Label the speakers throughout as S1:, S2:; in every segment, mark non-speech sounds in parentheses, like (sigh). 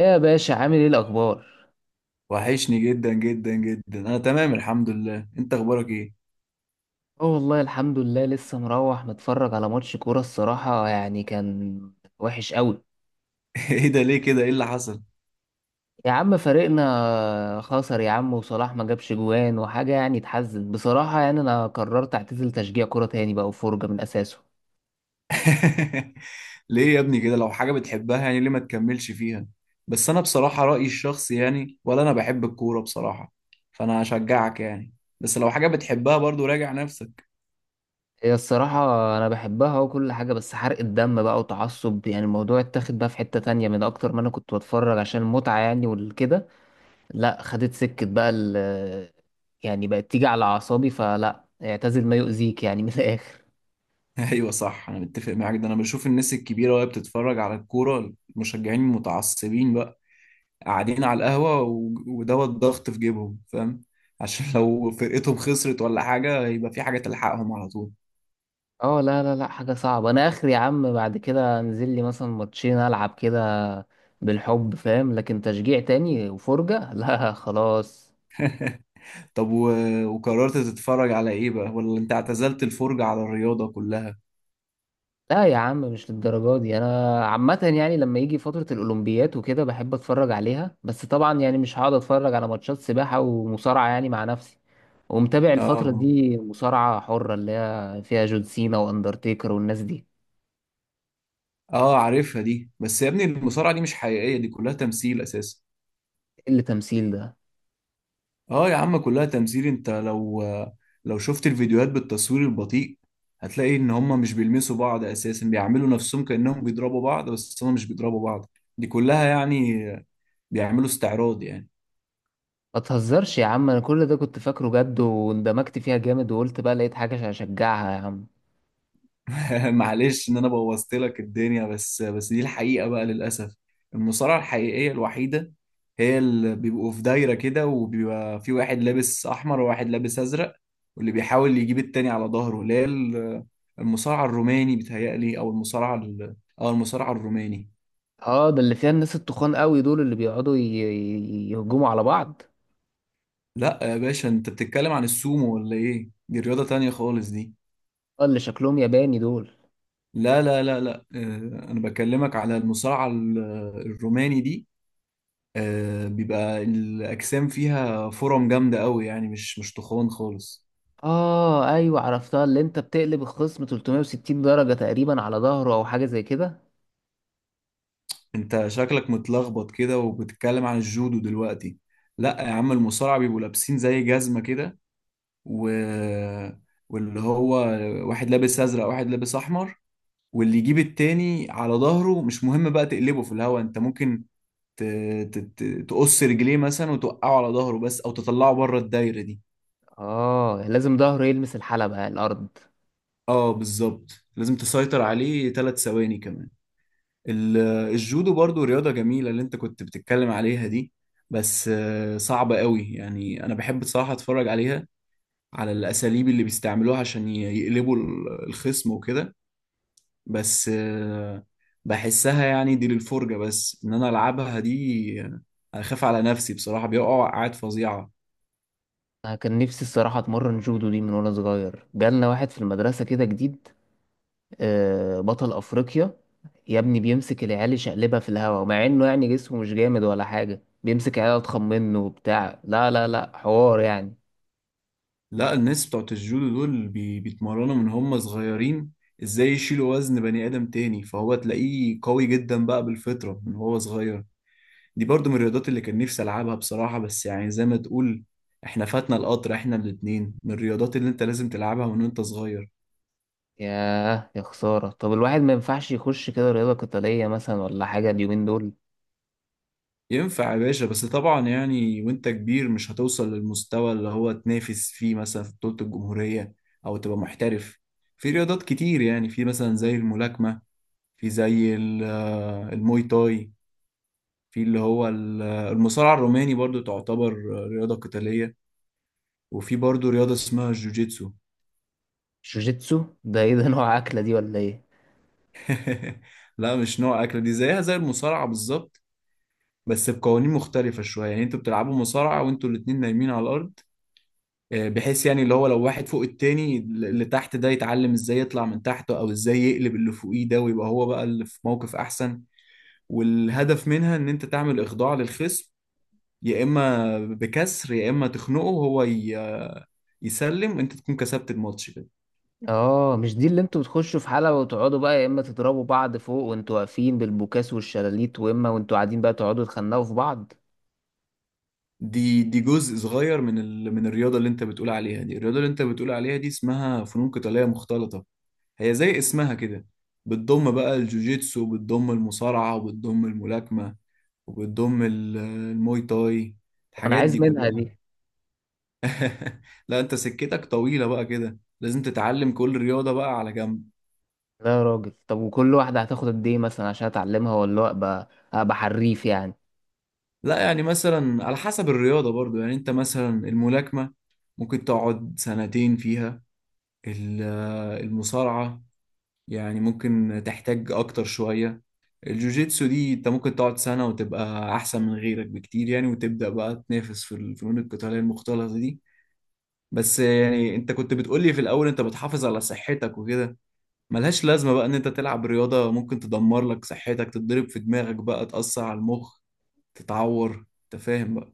S1: ايه يا باشا، عامل ايه الاخبار؟
S2: وحشني جدا جدا جدا. انا تمام الحمد لله. انت اخبارك ايه؟
S1: اه والله الحمد لله. لسه مروح متفرج على ماتش كوره الصراحه، يعني كان وحش قوي.
S2: (laughs) ايه ده؟ ليه كده؟ ايه اللي حصل؟
S1: يا عم فريقنا خسر يا عم، وصلاح ما جابش جوان وحاجه يعني تحزن بصراحه. يعني انا قررت اعتزل تشجيع كوره تاني بقى وفرجه من اساسه.
S2: (laughs) ليه يا ابني كده؟ لو حاجة بتحبها يعني ليه ما تكملش فيها؟ بس انا بصراحة رأيي الشخصي، يعني ولا انا بحب الكورة بصراحة، فانا هشجعك يعني. بس لو حاجة بتحبها برضو راجع نفسك. (laughs)
S1: هي الصراحه انا بحبها وكل حاجه، بس حرق الدم بقى وتعصب، يعني الموضوع اتاخد بقى في حته تانية من اكتر ما انا كنت بتفرج عشان المتعه يعني والكده. لا خدت سكة بقى يعني بقت تيجي على أعصابي، فلا اعتزل ما يؤذيك يعني من (laughs) الآخر.
S2: ايوه صح، انا متفق معاك. ده انا بشوف الناس الكبيرة وهي بتتفرج على الكورة، المشجعين المتعصبين بقى قاعدين على القهوة ودوت ضغط في جيبهم، فاهم؟ عشان لو فرقتهم خسرت ولا حاجة يبقى في حاجة تلحقهم على طول.
S1: اه لا لا لا، حاجة صعبة. أنا آخر يا عم بعد كده أنزل لي مثلا ماتشين ألعب كده بالحب فاهم، لكن تشجيع تاني وفرجة (laughs) لا خلاص.
S2: طب، وقررت تتفرج على ايه بقى، ولا انت اعتزلت الفرجة على الرياضة كلها؟
S1: لا يا عم مش للدرجة دي. أنا عامة يعني لما يجي فترة الأولمبيات وكده بحب أتفرج عليها، بس طبعا يعني مش هقعد أتفرج على ماتشات سباحة ومصارعة يعني مع نفسي. ومتابع
S2: اه،
S1: الفترة دي مصارعة حرة اللي هي فيها جون سينا واندرتيكر والناس دي.
S2: اه عارفها دي، بس يا ابني المصارعة دي مش حقيقية، دي كلها تمثيل اساسا.
S1: إيه اللي تمثيل ده؟
S2: اه يا عم كلها تمثيل. انت لو شفت الفيديوهات بالتصوير البطيء هتلاقي ان هما مش بيلمسوا بعض اساسا، بيعملوا نفسهم كأنهم بيضربوا بعض بس هما مش بيضربوا بعض. دي كلها يعني بيعملوا استعراض يعني.
S1: ما تهزرش يا عم، انا كل ده كنت فاكره جد واندمجت فيها جامد، وقلت بقى لقيت حاجة عشان اشجعها يا عم.
S2: (laughs) معلش ان انا بوظت لك الدنيا بس، بس دي الحقيقة بقى للأسف. المصارعة الحقيقية الوحيدة هي اللي بيبقوا في دايرة كده، وبيبقى في واحد لابس أحمر وواحد لابس أزرق، واللي بيحاول يجيب التاني على ظهره، اللي هي المصارعة الروماني بيتهيألي، أو المصارعة أو المصارعة الروماني.
S1: اه ده اللي فيها الناس التخان قوي دول، اللي بيقعدوا يهجموا على بعض.
S2: لا يا باشا، أنت بتتكلم عن السومو ولا إيه؟ دي رياضة تانية خالص دي.
S1: اه اللي شكلهم ياباني دول.
S2: لا لا لا لا، أنا بكلمك على المصارعة الروماني دي. بيبقى الأجسام فيها فرم جامدة قوي، يعني مش تخون خالص.
S1: اه ايوه عرفتها، اللي انت بتقلب الخصم 360 درجة تقريبا على ظهره او حاجة زي كده.
S2: انت شكلك متلخبط كده وبتتكلم عن الجودو دلوقتي. لا يا عم، المصارعة بيبقوا لابسين زي جزمة كده، و... واللي هو واحد لابس أزرق واحد لابس أحمر، واللي يجيب التاني على ظهره مش مهم بقى، تقلبه في الهوا، انت ممكن ت... ت... ت... تقص رجليه مثلا وتوقعه على ظهره بس، او تطلعه بره الدايرة دي.
S1: اه لازم ظهره يلمس الحلبة الارض.
S2: اه بالظبط. لازم تسيطر عليه ثلاث ثواني كمان. ال- الجودو برضو رياضة جميلة، اللي انت كنت بتتكلم عليها دي، بس صعبة قوي. يعني انا بحب بصراحة اتفرج عليها، على الاساليب اللي بيستعملوها عشان يقلبوا الخصم وكده. بس بحسها يعني دي للفرجة بس. ان انا العبها دي اخاف على نفسي بصراحة، بيقعوا وقعات فظيعة.
S1: انا كان نفسي الصراحه اتمرن جودو دي من وانا صغير، جالنا واحد في المدرسه كده جديد بطل افريقيا. يا ابني بيمسك العيال يشقلبها في الهوا، مع انه يعني جسمه مش جامد ولا حاجه، بيمسك عيال اضخم منه وبتاع، لا لا لا، حوار يعني.
S2: لا، الناس بتوعت الجودو دول بيتمرنوا من هم صغيرين ازاي يشيلوا وزن بني ادم تاني، فهو تلاقيه قوي جدا بقى بالفطرة من هو صغير. دي برضو من الرياضات اللي كان نفسي العبها بصراحة، بس يعني زي ما تقول احنا فاتنا القطر، احنا الاتنين من الرياضات اللي انت لازم تلعبها من وانت صغير.
S1: ياه يا خساره، طب الواحد ما ينفعش يخش كده رياضه قتاليه مثلا ولا حاجه اليومين دول؟
S2: ينفع يا باشا، بس طبعا يعني وانت كبير مش هتوصل للمستوى اللي هو تنافس فيه مثلا في بطولة الجمهورية، او تبقى محترف. في رياضات كتير يعني، في مثلا زي الملاكمة، في زي الموي تاي، في اللي هو المصارعة الروماني برضو تعتبر رياضة قتالية، وفي برضو رياضة اسمها الجوجيتسو.
S1: جوجيتسو ده ايه، ده نوع اكله دي ولا ايه؟
S2: (laughs) لا مش نوع أكلة، دي زيها زي المصارعة بالظبط، بس بقوانين مختلفة شوية. يعني انتوا بتلعبوا مصارعة وانتوا الاتنين نايمين على الأرض، بحيث يعني اللي هو لو واحد فوق التاني، اللي تحت ده يتعلم ازاي يطلع من تحته او ازاي يقلب اللي فوقيه ده ويبقى هو بقى اللي في موقف أحسن. والهدف منها ان انت تعمل إخضاع للخصم، يا إما بكسر، يا إما تخنقه هو يسلم، انت تكون كسبت الماتش كده.
S1: اه مش دي اللي انتوا بتخشوا في حلبة وتقعدوا بقى يا اما تضربوا بعض فوق وانتوا واقفين بالبوكاس والشلاليت، واما وانتوا قاعدين بقى تقعدوا تخنقوا في بعض.
S2: دي جزء صغير من الرياضة اللي انت بتقول عليها دي. الرياضة اللي انت بتقول عليها دي اسمها فنون قتالية مختلطة، هي زي اسمها كده، بتضم بقى الجوجيتسو وبتضم المصارعة وبتضم الملاكمة وبتضم الموي تاي،
S1: طب انا
S2: الحاجات
S1: عايز
S2: دي
S1: منها
S2: كلها.
S1: دي.
S2: (laughs) لا انت سكتك طويلة بقى كده، لازم تتعلم كل رياضة بقى على جنب.
S1: لا يا راجل، طب وكل واحدة هتاخد قد ايه مثلا عشان اتعلمها، ولا ابقى حريف يعني؟
S2: لا يعني مثلا على حسب الرياضة برضو. يعني انت مثلا الملاكمة ممكن تقعد سنتين فيها. ال- المصارعة يعني ممكن تحتاج اكتر شوية. الجوجيتسو دي انت ممكن تقعد سنة وتبقى احسن من غيرك بكتير يعني، وتبدأ بقى تنافس في الفنون القتالية المختلطة دي. بس يعني انت كنت بتقول لي في الاول انت بتحافظ على صحتك وكده، ملهاش لازمة بقى ان انت تلعب رياضة ممكن تدمر لك صحتك، تتضرب في دماغك بقى تأثر على المخ، تتعور، انت فاهم بقى؟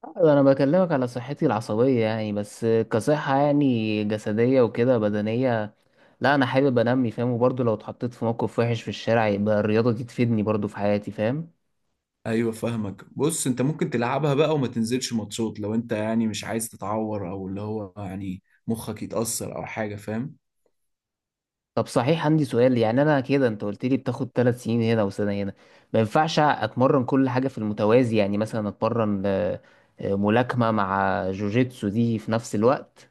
S1: ده انا بكلمك على صحتي العصبية يعني، بس كصحة يعني جسدية وكده بدنية لا، انا حابب انمي فاهم، وبرضه لو اتحطيت في موقف وحش في الشارع يبقى الرياضة دي تفيدني برضه في حياتي فاهم.
S2: ايوه فاهمك. بص، انت ممكن تلعبها بقى وما تنزلش ماتشات لو انت يعني مش عايز تتعور، او اللي هو يعني مخك يتأثر او حاجة، فاهم؟
S1: طب صحيح عندي سؤال، يعني انا كده انت قلت لي بتاخد ثلاث سنين هنا وسنه هنا، ما ينفعش اتمرن كل حاجه في المتوازي؟ يعني مثلا اتمرن ملاكمه مع جوجيتسو دي في نفس الوقت.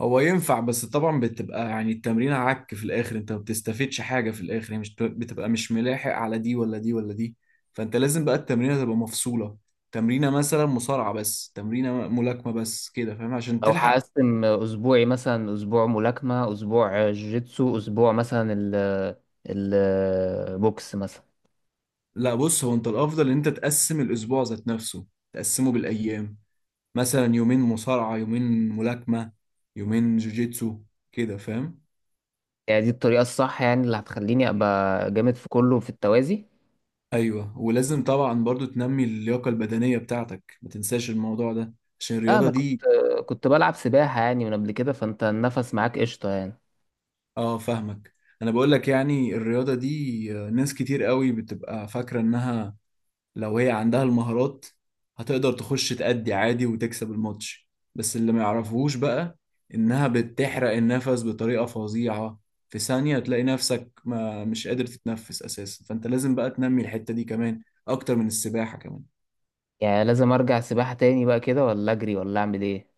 S2: هو ينفع، بس طبعا بتبقى يعني التمرين عك في الاخر، انت ما بتستفدش حاجه في الاخر، يعني مش بتبقى مش ملاحق على دي ولا دي ولا دي. فانت لازم بقى التمرينه تبقى مفصوله، تمرينه مثلا مصارعه بس، تمرينه ملاكمه بس، كده فاهم؟ عشان
S1: او
S2: تلحق.
S1: هقسم اسبوعي، مثلا اسبوع ملاكمه، اسبوع جوجيتسو، اسبوع مثلا البوكس مثلا.
S2: لا بص، هو انت الافضل ان انت تقسم الاسبوع ذات نفسه، تقسمه بالايام. مثلا يومين مصارعه، يومين ملاكمه، يومين جوجيتسو، كده فاهم؟
S1: يعني دي الطريقه الصح يعني، اللي هتخليني ابقى جامد في كله في التوازي؟
S2: ايوه، ولازم طبعا برضو تنمي اللياقه البدنيه بتاعتك، ما تنساش الموضوع ده عشان
S1: لا
S2: الرياضة
S1: انا كنت
S2: دي.
S1: كنت بلعب سباحه يعني من قبل كده، فانت النفس معاك قشطه يعني.
S2: اه فاهمك. انا بقول لك يعني الرياضة دي ناس كتير قوي بتبقى فاكرة انها لو هي عندها المهارات هتقدر تخش تأدي عادي وتكسب الماتش، بس اللي ما يعرفوش بقى انها بتحرق النفس بطريقة فظيعة. في ثانية تلاقي نفسك ما مش قادر تتنفس اساسا، فانت لازم بقى تنمي الحتة دي كمان اكتر من السباحة كمان.
S1: يعني لازم ارجع سباحة تاني بقى كده، ولا اجري ولا اعمل ايه؟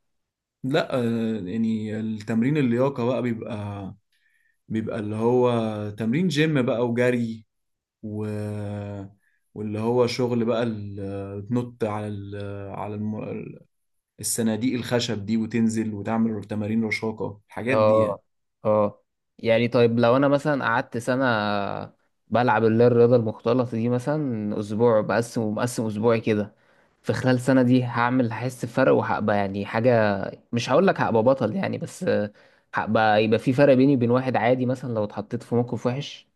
S2: لا يعني التمرين اللياقة بقى بيبقى اللي هو تمرين جيم بقى، وجري، و... واللي هو شغل بقى تنط على على الم... الصناديق الخشب دي، وتنزل وتعمل تمارين رشاقة، الحاجات دي يعني.
S1: اه. اه. يعني طيب لو انا مثلا قعدت سنة بلعب اللي هي الرياضة المختلطة دي، مثلا اسبوع بقسم ومقسم اسبوعي كده، في خلال سنة دي هحس بفرق وهبقى يعني حاجة، مش هقول لك هبقى بطل يعني، بس يبقى في فرق بيني وبين واحد عادي مثلا لو اتحطيت في موقف وحش.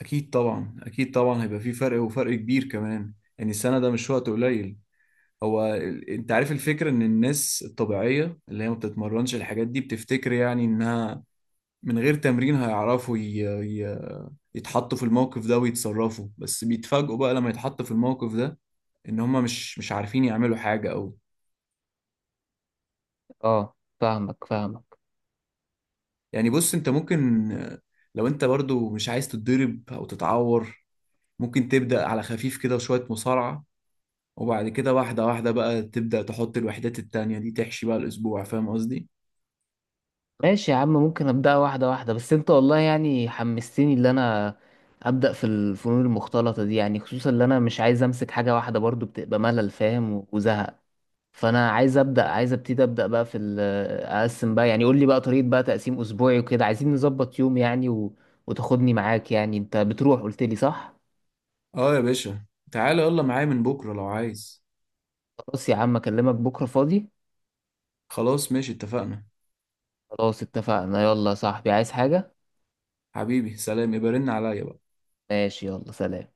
S2: أكيد طبعا، أكيد طبعا هيبقى في فرق، وفرق كبير كمان. يعني السنة ده مش وقت قليل. هو انت عارف الفكرة ان الناس الطبيعية اللي هي ما بتتمرنش الحاجات دي بتفتكر يعني انها من غير تمرين هيعرفوا ي... يتحطوا في الموقف ده ويتصرفوا، بس بيتفاجئوا بقى لما يتحطوا في الموقف ده ان هم مش عارفين يعملوا حاجة او...
S1: اه فاهمك فاهمك.
S2: يعني بص، انت ممكن لو انت برضو مش عايز تتضرب او تتعور، ممكن تبدأ على خفيف كده، شوية مصارعة، وبعد كده واحدة واحدة بقى تبدأ تحط الوحدات التانية دي، تحشي بقى الأسبوع، فاهم قصدي؟
S1: ماشي يا عم، ممكن ابدأ واحدة واحدة، بس انت والله يعني حمستني اللي انا ابدأ في الفنون المختلطة دي، يعني خصوصا اللي انا مش عايز امسك حاجة واحدة، برضو بتبقى ملل فاهم وزهق. فانا عايز ابدأ عايز ابتدي ابدأ بقى في اقسم بقى يعني، قول لي بقى طريقة بقى تقسيم اسبوعي وكده، عايزين نظبط يوم يعني وتاخدني معاك يعني، انت بتروح قلت لي صح.
S2: اه يا باشا، تعالى يلا معايا من بكرة لو عايز.
S1: خلاص يا عم اكلمك بكرة فاضي.
S2: خلاص ماشي، اتفقنا.
S1: خلاص اتفقنا. يلا يا صاحبي، عايز حاجة؟
S2: حبيبي سلام، يبقى رن عليا بقى.
S1: ماشي يلا سلام.